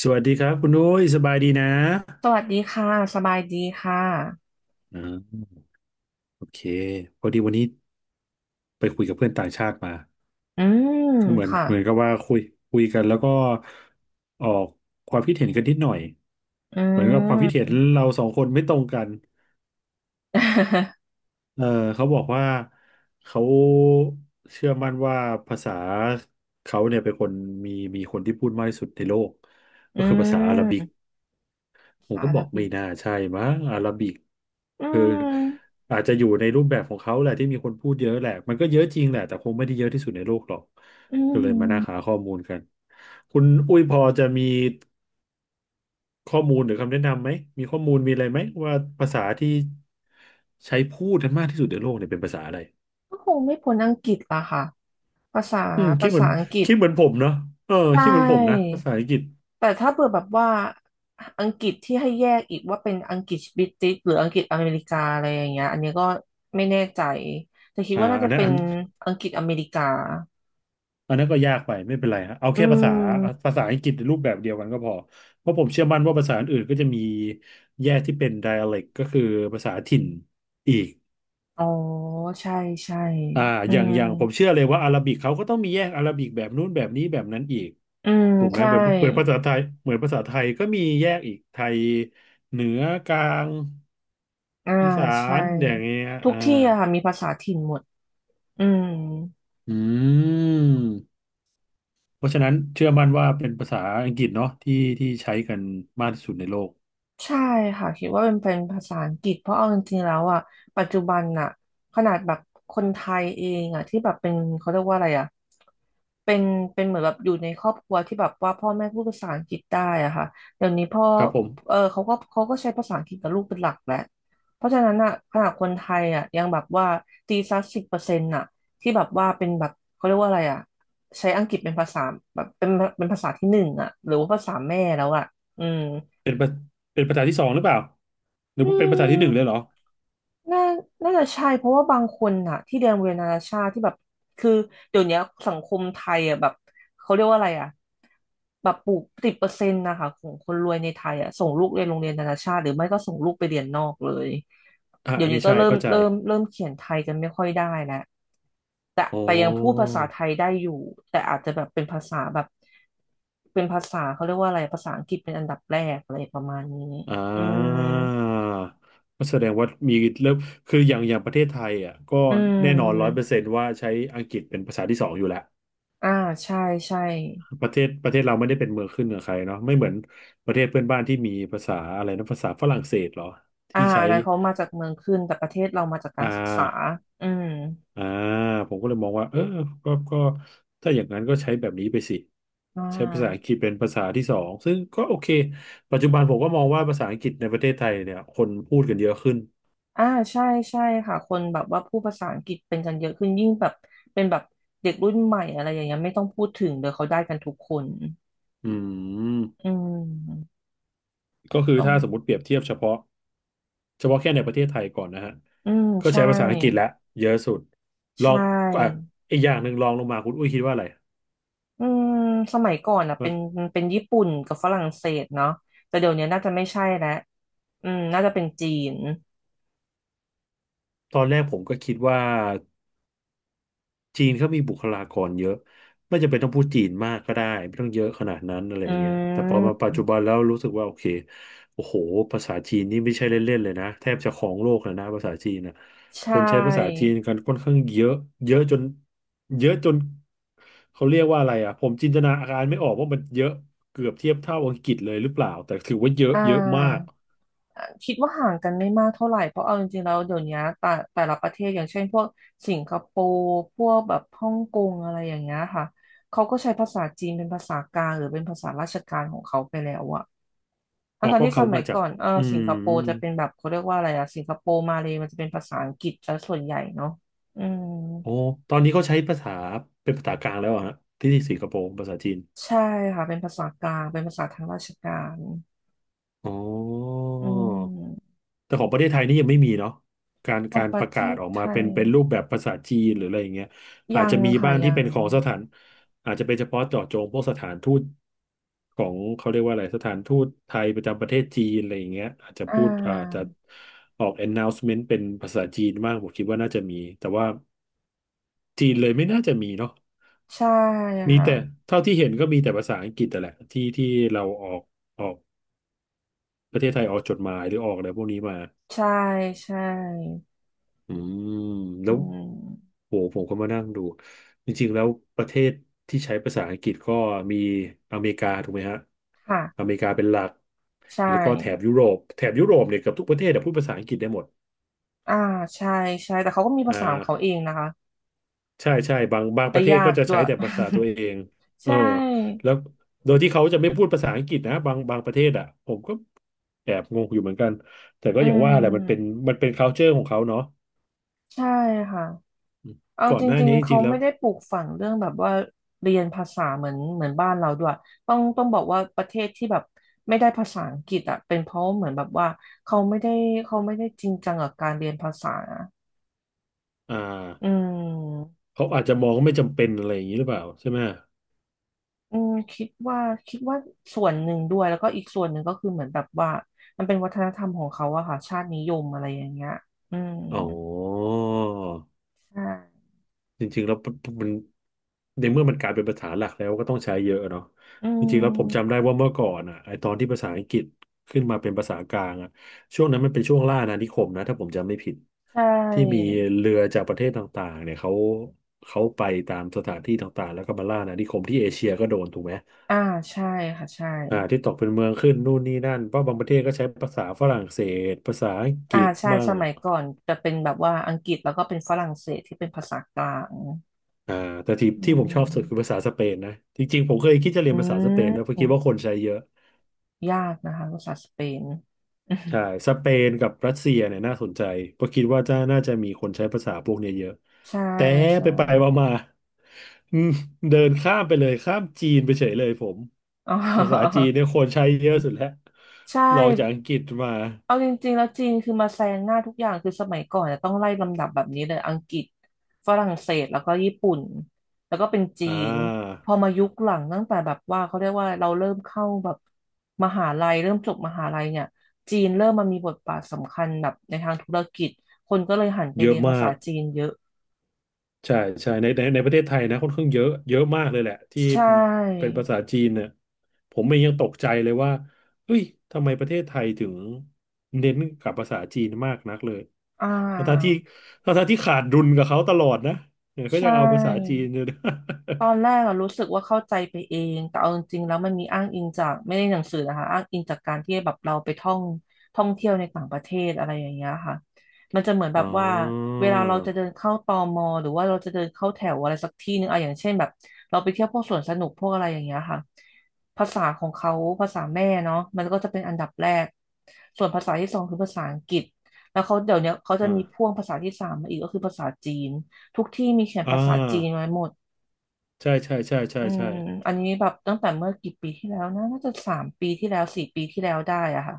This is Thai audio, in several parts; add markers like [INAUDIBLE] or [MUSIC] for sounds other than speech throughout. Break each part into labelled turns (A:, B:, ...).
A: สวัสดีครับคุณอุ้ยสบายดีนะ
B: สวัสดีค่ะสบายดีค่ะ
A: อ่าโอเคพอดีวันนี้ไปคุยกับเพื่อนต่างชาติมา
B: อืม
A: ก็เหมือน
B: ค่ะ
A: เหมือนกับว่าคุยคุยกันแล้วก็ออกความคิดเห็นกันนิดหน่อย
B: อื
A: เหมือนกับความคิดเห็
B: ม
A: นเราสองคนไม่ตรงกัน
B: [LAUGHS]
A: เออเขาบอกว่าเขาเชื่อมั่นว่าภาษาเขาเนี่ยเป็นคนมีมีคนที่พูดมากที่สุดในโลก
B: อื
A: ก็คือภาษาอาหรับิก
B: ม
A: ผ
B: ภา
A: ม
B: ษา
A: ก็
B: อาห
A: บ
B: รั
A: อกไม่
B: บิก
A: น่าใช่มั้งอาราบิก
B: อื
A: คือ
B: ม
A: อาจจะอยู่ในรูปแบบของเขาแหละที่มีคนพูดเยอะแหละมันก็เยอะจริงแหละแต่คงไม่ได้เยอะที่สุดในโลกหรอก
B: อื
A: ก็เลยมานั่งหา
B: ม
A: ข้อมูลกันคุณอุ้ยพอจะมีข้อมูลหรือคำแนะนำไหมมีข้อมูลมีอะไรไหมว่าภาษาที่ใช้พูดกันมากที่สุดในโลกเนี่ยเป็นภาษาอะไร
B: ก็คงไม่พ้นอังกฤษละค่ะภาษา
A: อืมคิ
B: ภา
A: ดเหมือ
B: ษา
A: น
B: อังกฤษ
A: คิดเหมือนผมเนาะเออ
B: ใช
A: คิดเหมือนผมนะ
B: ่
A: ภาษาอังกฤษ
B: แต่ถ้าเผื่อแบบว่าอังกฤษที่ให้แยกอีกว่าเป็นอังกฤษบริติชหรืออังกฤษอเมริกาอะไรอย่างเงี้ยอันนี้ก็ไม่แน่ใจแต่คิด
A: อ่า
B: ว่าน่า
A: อั
B: จะ
A: นนั้น
B: เป็
A: อั
B: น
A: น
B: อังกฤษอเมริกา
A: อันนั้นก็ยากไปไม่เป็นไรฮะเอา
B: อื
A: แค่ภาษา
B: ม
A: ภาษาอังกฤษในรูปแบบเดียวกันก็พอเพราะผมเชื่อมั่นว่าภาษาอื่นๆก็จะมีแยกที่เป็น dialect ก็คือภาษาถิ่นอีก
B: อ๋อใช่ ใช่
A: อ่า
B: อื
A: อย่าง
B: ม
A: อย่างผมเชื่อเลยว่าอาหรับิกเขาก็ต้องมีแยกอาหรับิกแบบนู้นแบบนี้แบบนั้นอีก
B: อืม
A: ถูกไหม
B: ใช่
A: เหมือนภาษาไทยเหมือนภาษาไทยก็มีแยกอีกไทยเหนือกลาง
B: อ่า
A: อีสา
B: ใช่
A: นอย่างเงี้ย
B: ทุก
A: อ่า
B: ที่อะค่ะมีภาษาถิ่นหมดอืม
A: อืมเพราะฉะนั้นเชื่อมั่นว่าเป็นภาษาอังกฤษเนาะที่ที่ใช้กันมากที่สุดในโลก
B: ใช่ค่ะคิดว่าเป็นภาษาอังกฤษเพราะเอาจริงๆแล้วอ่ะปัจจุบันอ่ะขนาดแบบคนไทยเองอ่ะที่แบบเป็นเขาเรียกว่าอะไรอ่ะเป็นเหมือนแบบอยู่ในครอบครัวที่แบบว่าพ่อแม่พูดภาษาอังกฤษได้อ่ะค่ะเดี๋ยวนี้พ่อ
A: ครับผม
B: เขาก็ใช้ภาษาอังกฤษกับลูกเป็นหลักแหละเพราะฉะนั้นอ่ะขนาดคนไทยอ่ะยังแบบว่าตีสัก10%อ่ะที่แบบว่าเป็นแบบเขาเรียกว่าอะไรอ่ะใช้อังกฤษเป็นภาษาแบบเป็นเป็นภาษาที่หนึ่งอ่ะหรือว่าภาษาแม่แล้วอ่ะอืม
A: เป็นประเป็นภาษาที่สองหรือเปล่าหรือเป็นภาษาที่หนึ่งเลยเหรอ
B: น่าน่าจะใช่เพราะว่าบางคนน่ะที่เรียนโรงเรียนนานาชาติที่แบบ คือเดี๋ยวเนี้ยสังคมไทยอ่ะแบบเขาเรียกว่าอะไรอ่ะแบบปลูกติดเปอร์เซ็นต์นะคะของคนรวยในไทยอ่ะส่งลูกเรียนโรงเรียนนานาชาติหรือไม่ก็ส่งลูกไปเรียนนอกเลย
A: อ่า
B: เดี๋ย
A: อั
B: ว
A: น
B: นี้
A: นี้
B: ก็
A: ใช่
B: เริ่ม
A: เข้าใจ
B: เริ่มเริ่มเขียนไทยกันไม่ค่อยได้แล้วแต่
A: โอ้
B: แต่ยังพูดภา
A: อ
B: ษาไทยได้อยู่แต่อาจจะแบบเป็นภาษาแบบเป็นภาษาเขาเรียกว่าอะไรภาษาอังกฤษเป็นอันดับแรกอะไรประมาณนี้
A: อ่
B: อืม
A: าก็แสดงว่ามีเริ่มคืออย่างประเทศไทยอ่ะก็
B: อื
A: แน่นอนร้อยเปอร์
B: ม
A: เซนต์ว่าใช้อังกฤษเป็นภาษาที่สองอยู่แล้ว
B: อ่าใช่ใช่
A: ประเทศเราไม่ได้เป็นเมืองขึ้นเหนือใครเนาะไม่เหมือนประเทศเพื่อนบ้านที่มีภาษาอะไรนะภาษาฝรั่งเศสเหรอ
B: อ่า
A: ที่ใช้
B: อันนั้นเขามาจากเมืองขึ้นแต่ประเทศเรามาจากกา
A: อ่า
B: รศึกษาอืม
A: อ่าผมก็เลยมองว่าเออก็ถ้าอย่างนั้นก็ใช้แบบนี้ไปสิ
B: อ่
A: ใช้ภาษาอังก
B: า
A: ฤษเป็นภาษาที่สองซึ่งก็โอเคปัจจุบันผมก็มองว่าภาษาอังกฤษในประเทศไทยเนี่ยคนพูดกันเยอะขึ้น
B: อ่าใช่ใช่ค่ะคนแบบว่าพูดภาษาอังกฤษเป็นกันเยอะขึ้นยิ่งแบบเป็นแบบเด็กรุ่นใหม่อะไรอย่างเงี้ยไม่ต้องพูดถึงเดี๋ยวเขาได้กันทุกคน
A: อืม
B: อืม
A: ก็คือ
B: ต้อง
A: ถ้าสมมติเปรียบเทียบเฉพาะแค่ในประเทศไทยก่อนนะฮะ
B: อืม
A: ก็
B: ใช่
A: ใช้ภาษาอังกฤษและเยอะสุด
B: ใช
A: ลองอ่ะ
B: ่
A: อีกอย่างหนึ่งลองลงมาคุณอุ้ยคิดว่าอะไร
B: อืมสมัยก่อนอ่ะเป็นญี่ปุ่นกับฝรั่งเศสเนาะแต่เดี๋ยวนี้น่าจะไม่ใช่แล้วอืมน่าจะเป็นจีน
A: ตอนแรกผมก็คิดว่า จีนเขามีบุคลากรเยอะไม่จำเป็นต้องพูดจีนมากก็ได้ไม่ต้องเยอะขนาดนั้นอะไร
B: อื
A: อย่างเงี้ยแต่พอมาปัจ
B: ม
A: จุบันแล้วรู้สึกว่าโอเคโอ้โหภาษาจีนนี่ไม่ใช่เล่นๆเลยนะแทบจะครองโลกเลยนะภาษาจีนนะค
B: ใช่
A: นใช้ภาษาจีนกันค่อนข้างเยอะเยอะจนเยอะจนเขาเรียกว่าอะไรอ่ะผมจินตนาการไม่ออกว่ามันเยอะเกือบเทียบเท่าอังกฤษเลยหรือเปล่าแต่ถือว่าเยอะ
B: อ่
A: เยอะมาก
B: าคิดว่าห่างกันไม่มากเท่าไหร่เพราะเอาจริงๆแล้วเดี๋ยวนี้แต่แต่ละประเทศอย่างเช่นพวกสิงคโปร์พวกแบบฮ่องกงอะไรอย่างเงี้ยค่ะเขาก็ใช้ภาษาจีนเป็นภาษากลางหรือเป็นภาษาราชการของเขาไปแล้วอะ
A: อ๋อ
B: ทั้งๆ
A: ก็
B: ที่ส
A: เขา
B: มั
A: มา
B: ย
A: จา
B: ก่
A: ก
B: อน
A: อื
B: สิงคโปร์
A: ม
B: จะเป็นแบบเขาเรียกว่าอะไรอะสิงคโปร์มาเลมันจะเป็นภาษาอังกฤษซะส่วนใหญ่เนาะอืม
A: โอ้ตอนนี้เขาใช้ภาษาเป็นภาษากลางแล้วอะฮะที่สิงคโปร์ภาษาจีน
B: ใช่ค่ะเป็นภาษากลางเป็นภาษาทางราชการ
A: อ๋อ
B: อืม
A: แต่ของประเทศไทยนี่ยังไม่มีเนาะการ
B: ของ
A: การ
B: ป
A: ป
B: ระ
A: ระ
B: เท
A: กาศ
B: ศ
A: ออก
B: ไท
A: มาเป็
B: ย
A: นเป็นรูปแบบภาษาจีนหรืออะไรอย่างเงี้ยอาจ
B: ยัง
A: จะมี
B: ค่ะ
A: บ้างที่
B: ยั
A: เป็
B: ง
A: นของสถานอาจจะเป็นเฉพาะเจาะจงพวกสถานทูตของเขาเรียกว่าอะไรสถานทูตไทยประจำประเทศจีนอะไรอย่างเงี้ยอาจจะ
B: อ่
A: พูดอาจจะ
B: า
A: ออก announcement เป็นภาษาจีนบ้างผมคิดว่าน่าจะมีแต่ว่าจีนเลยไม่น่าจะมีเนาะ
B: ใช่
A: มี
B: ค่ะ
A: แต่เท่าที่เห็นก็มีแต่ภาษาอังกฤษแต่แหละที่เราออกออกประเทศไทยออกจดหมายหรือออกอะไรพวกนี้มา
B: ใช่ใช่
A: อืมแล้
B: อื
A: ว
B: ม
A: โหผมก็มานั่งดูจริงๆแล้วประเทศที่ใช้ภาษาอังกฤษก็มีอเมริกาถูกไหมฮะ
B: ค่ะ
A: อเมริกาเป็นหลัก
B: ใช่
A: แล้วก็แถบยุโรปแถบยุโรปเนี่ยเกือบทุกประเทศอะพูดภาษาอังกฤษได้หมด
B: อ่าใช่ใช่แต่เขาก็มีภา
A: อ่า
B: ษาของเขาเองนะคะ
A: ใช่ใช่บางป
B: และ
A: ระเทศ
B: ยา
A: ก็
B: ก
A: จะ
B: ด้
A: ใช้
B: วย
A: แต่ภาษาตัวเอง
B: [LAUGHS] ใช
A: เออ
B: ่
A: แล้วโดยที่เขาจะไม่พูดภาษาอังกฤษนะบางประเทศอ่ะผมก็แอบงงอยู่เหมือนกันแต่ก็
B: อื
A: อย่างว่าแหละมันเป็น
B: ม
A: มันเป็น culture ของเขาเนาะ
B: ใช่ค่ะ
A: อืม
B: เอา
A: ก่อ
B: จ
A: นหน้า
B: ริง
A: นี้จ
B: ๆเขา
A: ริงๆแล้ว
B: ไม่ได้ปลูกฝังเรื่องแบบว่าเรียนภาษาเหมือนบ้านเราด้วยต้องบอกว่าประเทศที่แบบไม่ได้ภาษาอังกฤษอ่ะเป็นเพราะเหมือนแบบว่าเขาไม่ได้เขาไม่ได้จริงจังกับการเรียนภาษา
A: อ่า
B: อืม
A: เขาอาจจะมองว่าไม่จำเป็นอะไรอย่างนี้หรือเปล่าใช่ไหม
B: อืมคิดว่าส่วนหนึ่งด้วยแล้วก็อีกส่วนหนึ่งก็คือเหมือนแบบว่ามันเป็นวัฒนธรรมของเขาอะค่ะชาตินิยมอะไรอย่างเงี้ยอืม
A: อ๋อ
B: ใช่
A: จริงๆแล้วมันในเมื่อมันกลายเป็นภาษาหลักแล้วก็ต้องใช้เยอะเนาะ
B: อื
A: จริงๆแล้วผมจำได้
B: ม
A: ว่าเมื่อก่อนอ่ะไอตอนที่ภาษาอังกฤษขึ้นมาเป็นภาษากลางอ่ะช่วงนั้นมันเป็นช่วงล่าอาณานิคมนะถ้าผมจำไม่ผิด
B: ใช่
A: ที่มีเรือจากประเทศต่างๆเนี่ยเขาไปตามสถานที่ต่างๆแล้วก็มาล่าอาณานิคมที่เอเชียก็โดนถูกไหม
B: อ่าใช่ค่ะใช่
A: อ่าที่ตกเป็นเมืองขึ้นนู่นนี่นั่นเพราะบางประเทศก็ใช้ภาษาฝรั่งเศสภาษาอังก
B: อ่า
A: ฤษ
B: ใช่
A: มั่
B: ส
A: ง
B: มัยก่อนจะเป็นแบบว่าอังกฤษแล้วก็เป็นฝรั่งเศสที่เป็นภาษากลาง
A: อ่าแต่ที่
B: อื
A: ที่ผมช
B: ม
A: อบสุดคือภาษาสเปนนะจริงๆผมเคยคิดจะเรีย
B: อื
A: นภาษาสเปนนะเพ
B: ม
A: ราะคิดว่าคนใช้เยอะ
B: ยากนะคะภาษาสเปน
A: ใช่
B: [LAUGHS]
A: สเปนกับรัสเซียเนี่ยน่าสนใจเพราะคิดว่าจะน่าจะมีคนใช้ภาษาพวกเนี้ยเยอะ
B: ใช่
A: แต่
B: ใช่
A: ไปไปมามาอืมเดินข้ามไปเลยข้ามจีนไปเฉยเลยผม
B: อ๋
A: ภาษาจี
B: อ
A: นเนี่ยคนใช้เยอะสุดแล้ว
B: [LAUGHS] ใช่
A: รองจากอังกฤษมา
B: เอาจริงๆแล้วจีนคือมาแซงหน้าทุกอย่างคือสมัยก่อนเนี่ยต้องไล่ลำดับแบบนี้เลยอังกฤษฝรั่งเศสแล้วก็ญี่ปุ่นแล้วก็เป็นจี
A: อ่
B: น
A: า
B: พอมายุคหลังตั้งแต่แบบว่าเขาเรียกว่าเราเริ่มเข้าแบบมหาลัยเริ่มจบมหาลัยเนี่ยจีนเริ่มมามีบทบาทสำคัญแบบในทางธุรกิจคนก็เลยหันไป
A: เย
B: เรี
A: อะ
B: ยนภา
A: มา
B: ษา
A: ก
B: จีนเยอะ
A: ใช่ใช่ในประเทศไทยนะค่อนข้างเยอะเยอะมากเลยแหละที่
B: ใช่
A: เป็นภาษาจีนเนี่ยผมเองยังตกใจเลยว่าเอ้ยทำไมประเทศไทยถึงเน้นกับภาษาจีนมากนักเลย
B: อ่
A: ทั้งๆที่
B: า
A: ทั้งๆที่ขาดดุลกับเขาตลอดนะเนี่ยก็ยั
B: ใช่
A: งเอาภาษาจีนอยู่นะ [LAUGHS]
B: ตอนแรกอะรู้สึกว่าเข้าใจไปเองแต่เอาจริงๆแล้วมันมีอ้างอิงจากไม่ได้หนังสือนะคะอ้างอิงจากการที่แบบเราไปท่องเที่ยวในต่างประเทศอะไรอย่างเงี้ยค่ะมันจะเหมือนแบ
A: อ๋
B: บว่า
A: อ
B: เวลาเราจะเดินเข้าตมหรือว่าเราจะเดินเข้าแถวอะไรสักที่หนึ่งอะอย่างเช่นแบบเราไปเที่ยวพวกสวนสนุกพวกอะไรอย่างเงี้ยค่ะภาษาของเขาภาษาแม่เนาะมันก็จะเป็นอันดับแรก ส่วนภาษาที่สองคือภาษาอังกฤษแล้วเขาเดี๋ยวเนี้ยเขาจะมี
A: อ่า
B: พ่วงภาษาที่สามมาอีกก็คือภาษาจีนทุกที่มีเขียน
A: อ่า
B: ภาษาจีนไว้หมด
A: ใช่ใช่ใช่ใช่
B: อืม
A: ใช่
B: อันนี้แบบตั้งแต่เมื่อกี่ปีที่แล้วนะน่าจะ3 ปีที่แล้ว4 ปีที่แล้วได้อะค่ะ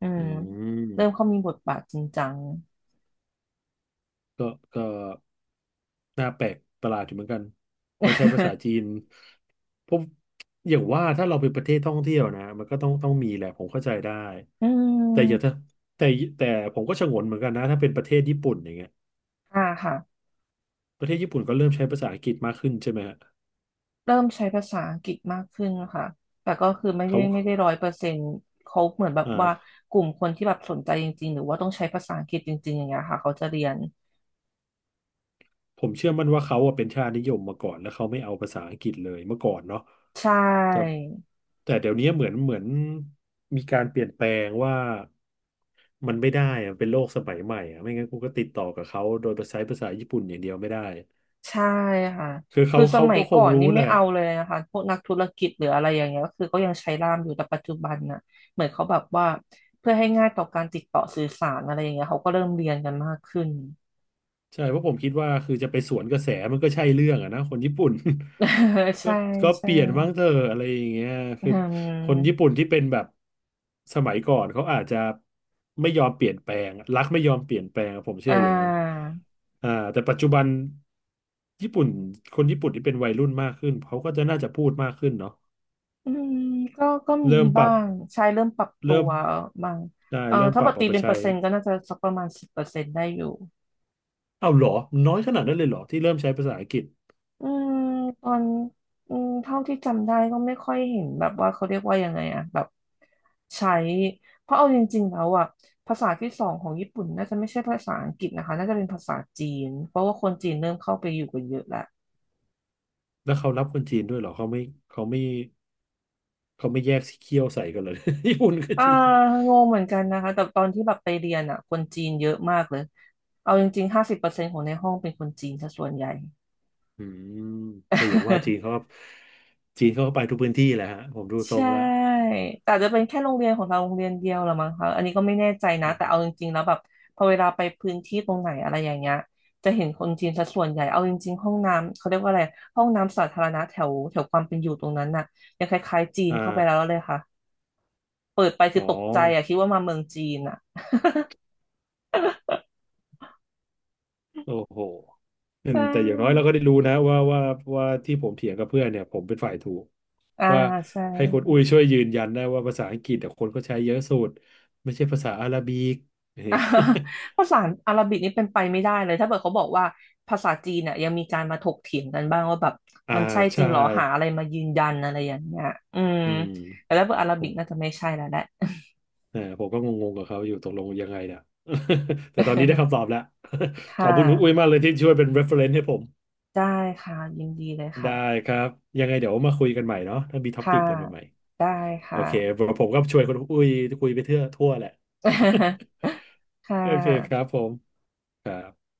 B: อืม
A: อื
B: เริ่
A: ม
B: มเขามีบทบาทจริงจัง
A: ก็ก็ น่าแปลกประหลาดอยู่เหมือนกันเพราะใช้ภาษา
B: [LAUGHS]
A: จีนพบอย่างว่าถ้าเราเป็นประเทศท่องเที่ยวนะมันก็ต้องมีแหละผมเข้าใจได้
B: อื
A: แต่อย่าถ้า
B: ม
A: แต่แต่ผมก็ฉงนเหมือนกันนะถ้าเป็นประเทศญี่ปุ่นอย่างเงี้ย
B: อ่าค่ะ
A: ประเทศญี่ปุ่นก็เริ่มใช้ภาษาอังกฤษมากขึ้นใช่ไหมฮะ
B: เริ่มใช้ภาษาอังกฤษมากขึ้นค่ะแต่ก็คือไม่
A: เขา
B: ได้ไม่ได้100%เขาเหมือนแบบว่า
A: อ่า
B: กลุ่มคนที่แบบสนใจจริงๆหรือว่าต้องใช้ภาษาอังกฤษจริงๆอย่างเงี้ยค่ะเขาจะเรียน
A: ผมเชื่อมั่นว่าเขาอะเป็นชาตินิยมมาก่อนแล้วเขาไม่เอาภาษาอังกฤษเลยเมื่อก่อนเนาะ
B: ใช่
A: แต่แต่เดี๋ยวนี้เหมือนมีการเปลี่ยนแปลงว่ามันไม่ได้อะเป็นโลกสมัยใหม่อะไม่งั้นกูก็ติดต่อกับเขาโดยใช้ภาษาญี่ปุ่นอย่างเดียวไม่ได้
B: ใช่ค่ะ
A: คือ
B: คื
A: เขา
B: อส
A: เขา
B: มัย
A: ก็ค
B: ก่อ
A: ง
B: นนี่
A: รู้แห
B: ไม่
A: ละ
B: เอาเลยนะคะพวกนักธุรกิจหรืออะไรอย่างเงี้ยก็คือก็ยังใช้ล่ามอยู่แต่ปัจจุบันน่ะเหมือนเขาแบบว่าเพื่อให้ง่ายต่อการติดต่อสื่อสารอะไรอย่างเงี้ยเขาก็เริ่มเรียนกันมากขึ้น
A: ใช่เพราะผมคิดว่าคือจะไปสวนกระแสมันก็ใช่เรื่องอะนะคนญี่ปุ่น
B: [LAUGHS]
A: [LAUGHS] ก็
B: ใช่
A: ก็เป
B: ใช่
A: ลี่ยนบ้างเถอะอะไรอย่างเงี้ย
B: อื
A: คือคนญี่
B: ม
A: ปุ่นที่เป็นแบบสมัยก่อนเขาอาจจะไม่ยอมเปลี่ยนแปลงรักไม่ยอมเปลี่ยนแปลงผม
B: อ่
A: เชื่ออย่างนั้น
B: า
A: อ่าแต่ปัจจุบันญี่ปุ่นคนญี่ปุ่นที่เป็นวัยรุ่นมากขึ้นเขาก็จะน่าจะพูดมากขึ้นเนาะ
B: อืมก็มี
A: เริ่มป
B: บ้า
A: รับ
B: งใช่เริ่มปรับตั
A: เริ่ม
B: วบ้าง
A: ได้เริ่มป
B: ถ้า
A: รั
B: บั
A: บ
B: ตรตี
A: เอาไป
B: เป็นเป
A: ใช้
B: อร์เซ็นต์ก็น่าจะสักประมาณสิบเปอร์เซ็นต์ได้อยู่
A: เอาเหรอน้อยขนาดนั้นเลยเหรอที่เริ่มใช้ภาษาอังกฤษ
B: อืมตอนเท่าที่จำได้ก็ไม่ค่อยเห็นแบบว่าเขาเรียกว่ายังไงอะแบบใช้เพราะเอาจริงๆแล้วอะภาษาที่สองของญี่ปุ่นน่าจะไม่ใช่ภาษาอังกฤษนะคะน่าจะเป็นภาษาจีนเพราะว่าคนจีนเริ่มเข้าไปอยู่กันเยอะแล้ว
A: แล้วเขารับคนจีนด้วยเหรอเขาไม่เขาไม่เขาไม่แยกสีเขี้ยวใส่กันเลย [LAUGHS] ญี่ปุ่นกับ
B: อ่า
A: จีน
B: งงเหมือนกันนะคะแต่ตอนที่แบบไปเรียนอะคนจีนเยอะมากเลยเอาจริงๆ50%ของในห้องเป็นคนจีนซะส่วนใหญ่
A: อืมแต่อย่างว่าจีน
B: [LAUGHS]
A: เขาก็จีนเขาก็ไปทุกพื้นที่แหละฮะผมดูทร
B: ใช่
A: งแล้ว
B: แต่อาจจะเป็นแค่โรงเรียนของเราโรงเรียนเดียวหรือมั้งคะอันนี้ก็ไม่แน่ใจนะ
A: อื
B: แต่
A: ม
B: เอาจริงๆแล้วแบบพอเวลาไปพื้นที่ตรงไหนอะไรอย่างเงี้ยจะเห็นคนจีนซะส่วนใหญ่เอาจริงๆห้องน้ำเขาเรียกว่าอะไรห้องน้ำสาธารณะแถวแถวความเป็นอยู่ตรงนั้นน่ะยังคล้ายๆจีน
A: อ่า
B: เข้าไปแล้วเลยค่ะเปิดไปคื
A: อ๋
B: อ
A: อ
B: ตกใจอะคิดว่ามาเมืองจีนอะ
A: โอ้โหอื
B: ใช
A: มแต่อย่างน้อยเรา
B: ่
A: ก็ได้รู้นะว่าที่ผมเถียงกับเพื่อนเนี่ยผมเป็นฝ่ายถูก
B: อ่า
A: ว่า
B: ใช่
A: ให้คนอุ้ยช่วยยืนยันได้ว่าภาษาอังกฤษแต่คนก็ใช้เยอะสุดไม่ใช่ภาษาอาหรับิก [LAUGHS]
B: [LAUGHS]
A: เนี่
B: อ่า
A: ย
B: ภาษาอาหรับิกนี่เป็นไปไม่ได้เลยถ้าเกิดเขาบอกว่าภาษาจีนเนี่ยยังมีการมาถกเถียงกันบ้างว่าแบบ
A: [LAUGHS] อ่า
B: มันใช่จริ
A: ใช่
B: งเหรอหาอะไรมายืนยันอะไรอย่างเงี้ยอืม
A: อืม
B: แต่ถ้าเกิดอาหรั
A: ผ
B: บิ
A: ม
B: กน่าจะไม่ใช่แล้วแหละ
A: เออผมก็งงๆกับเขาอยู่ตกลงยังไงเนี่ย [LAUGHS] แต่ตอนนี้ได้
B: [LAUGHS]
A: คำตอบแล้ว [LAUGHS] ข
B: ค่ะ
A: อบคุณคุณอุ้ยมากเลยที่ช่วยเป็น reference ให้ผม
B: ได้ค่ะยินดีเลย
A: ได้
B: ค่ะ
A: ครับยังไงเดี๋ยวมาคุยกันใหม่เนาะถ้ามีท็อ
B: ค่ะ
A: ปิกอะไรใหม่
B: ได้
A: ๆโอ
B: ค่ะ
A: เคผมก็ช่วยคุณอุ้ยคุยไปเทื่อทั่วแหละ [LAUGHS]
B: [LAUGHS] ค่
A: โอเคครั
B: ะ
A: บผมครับ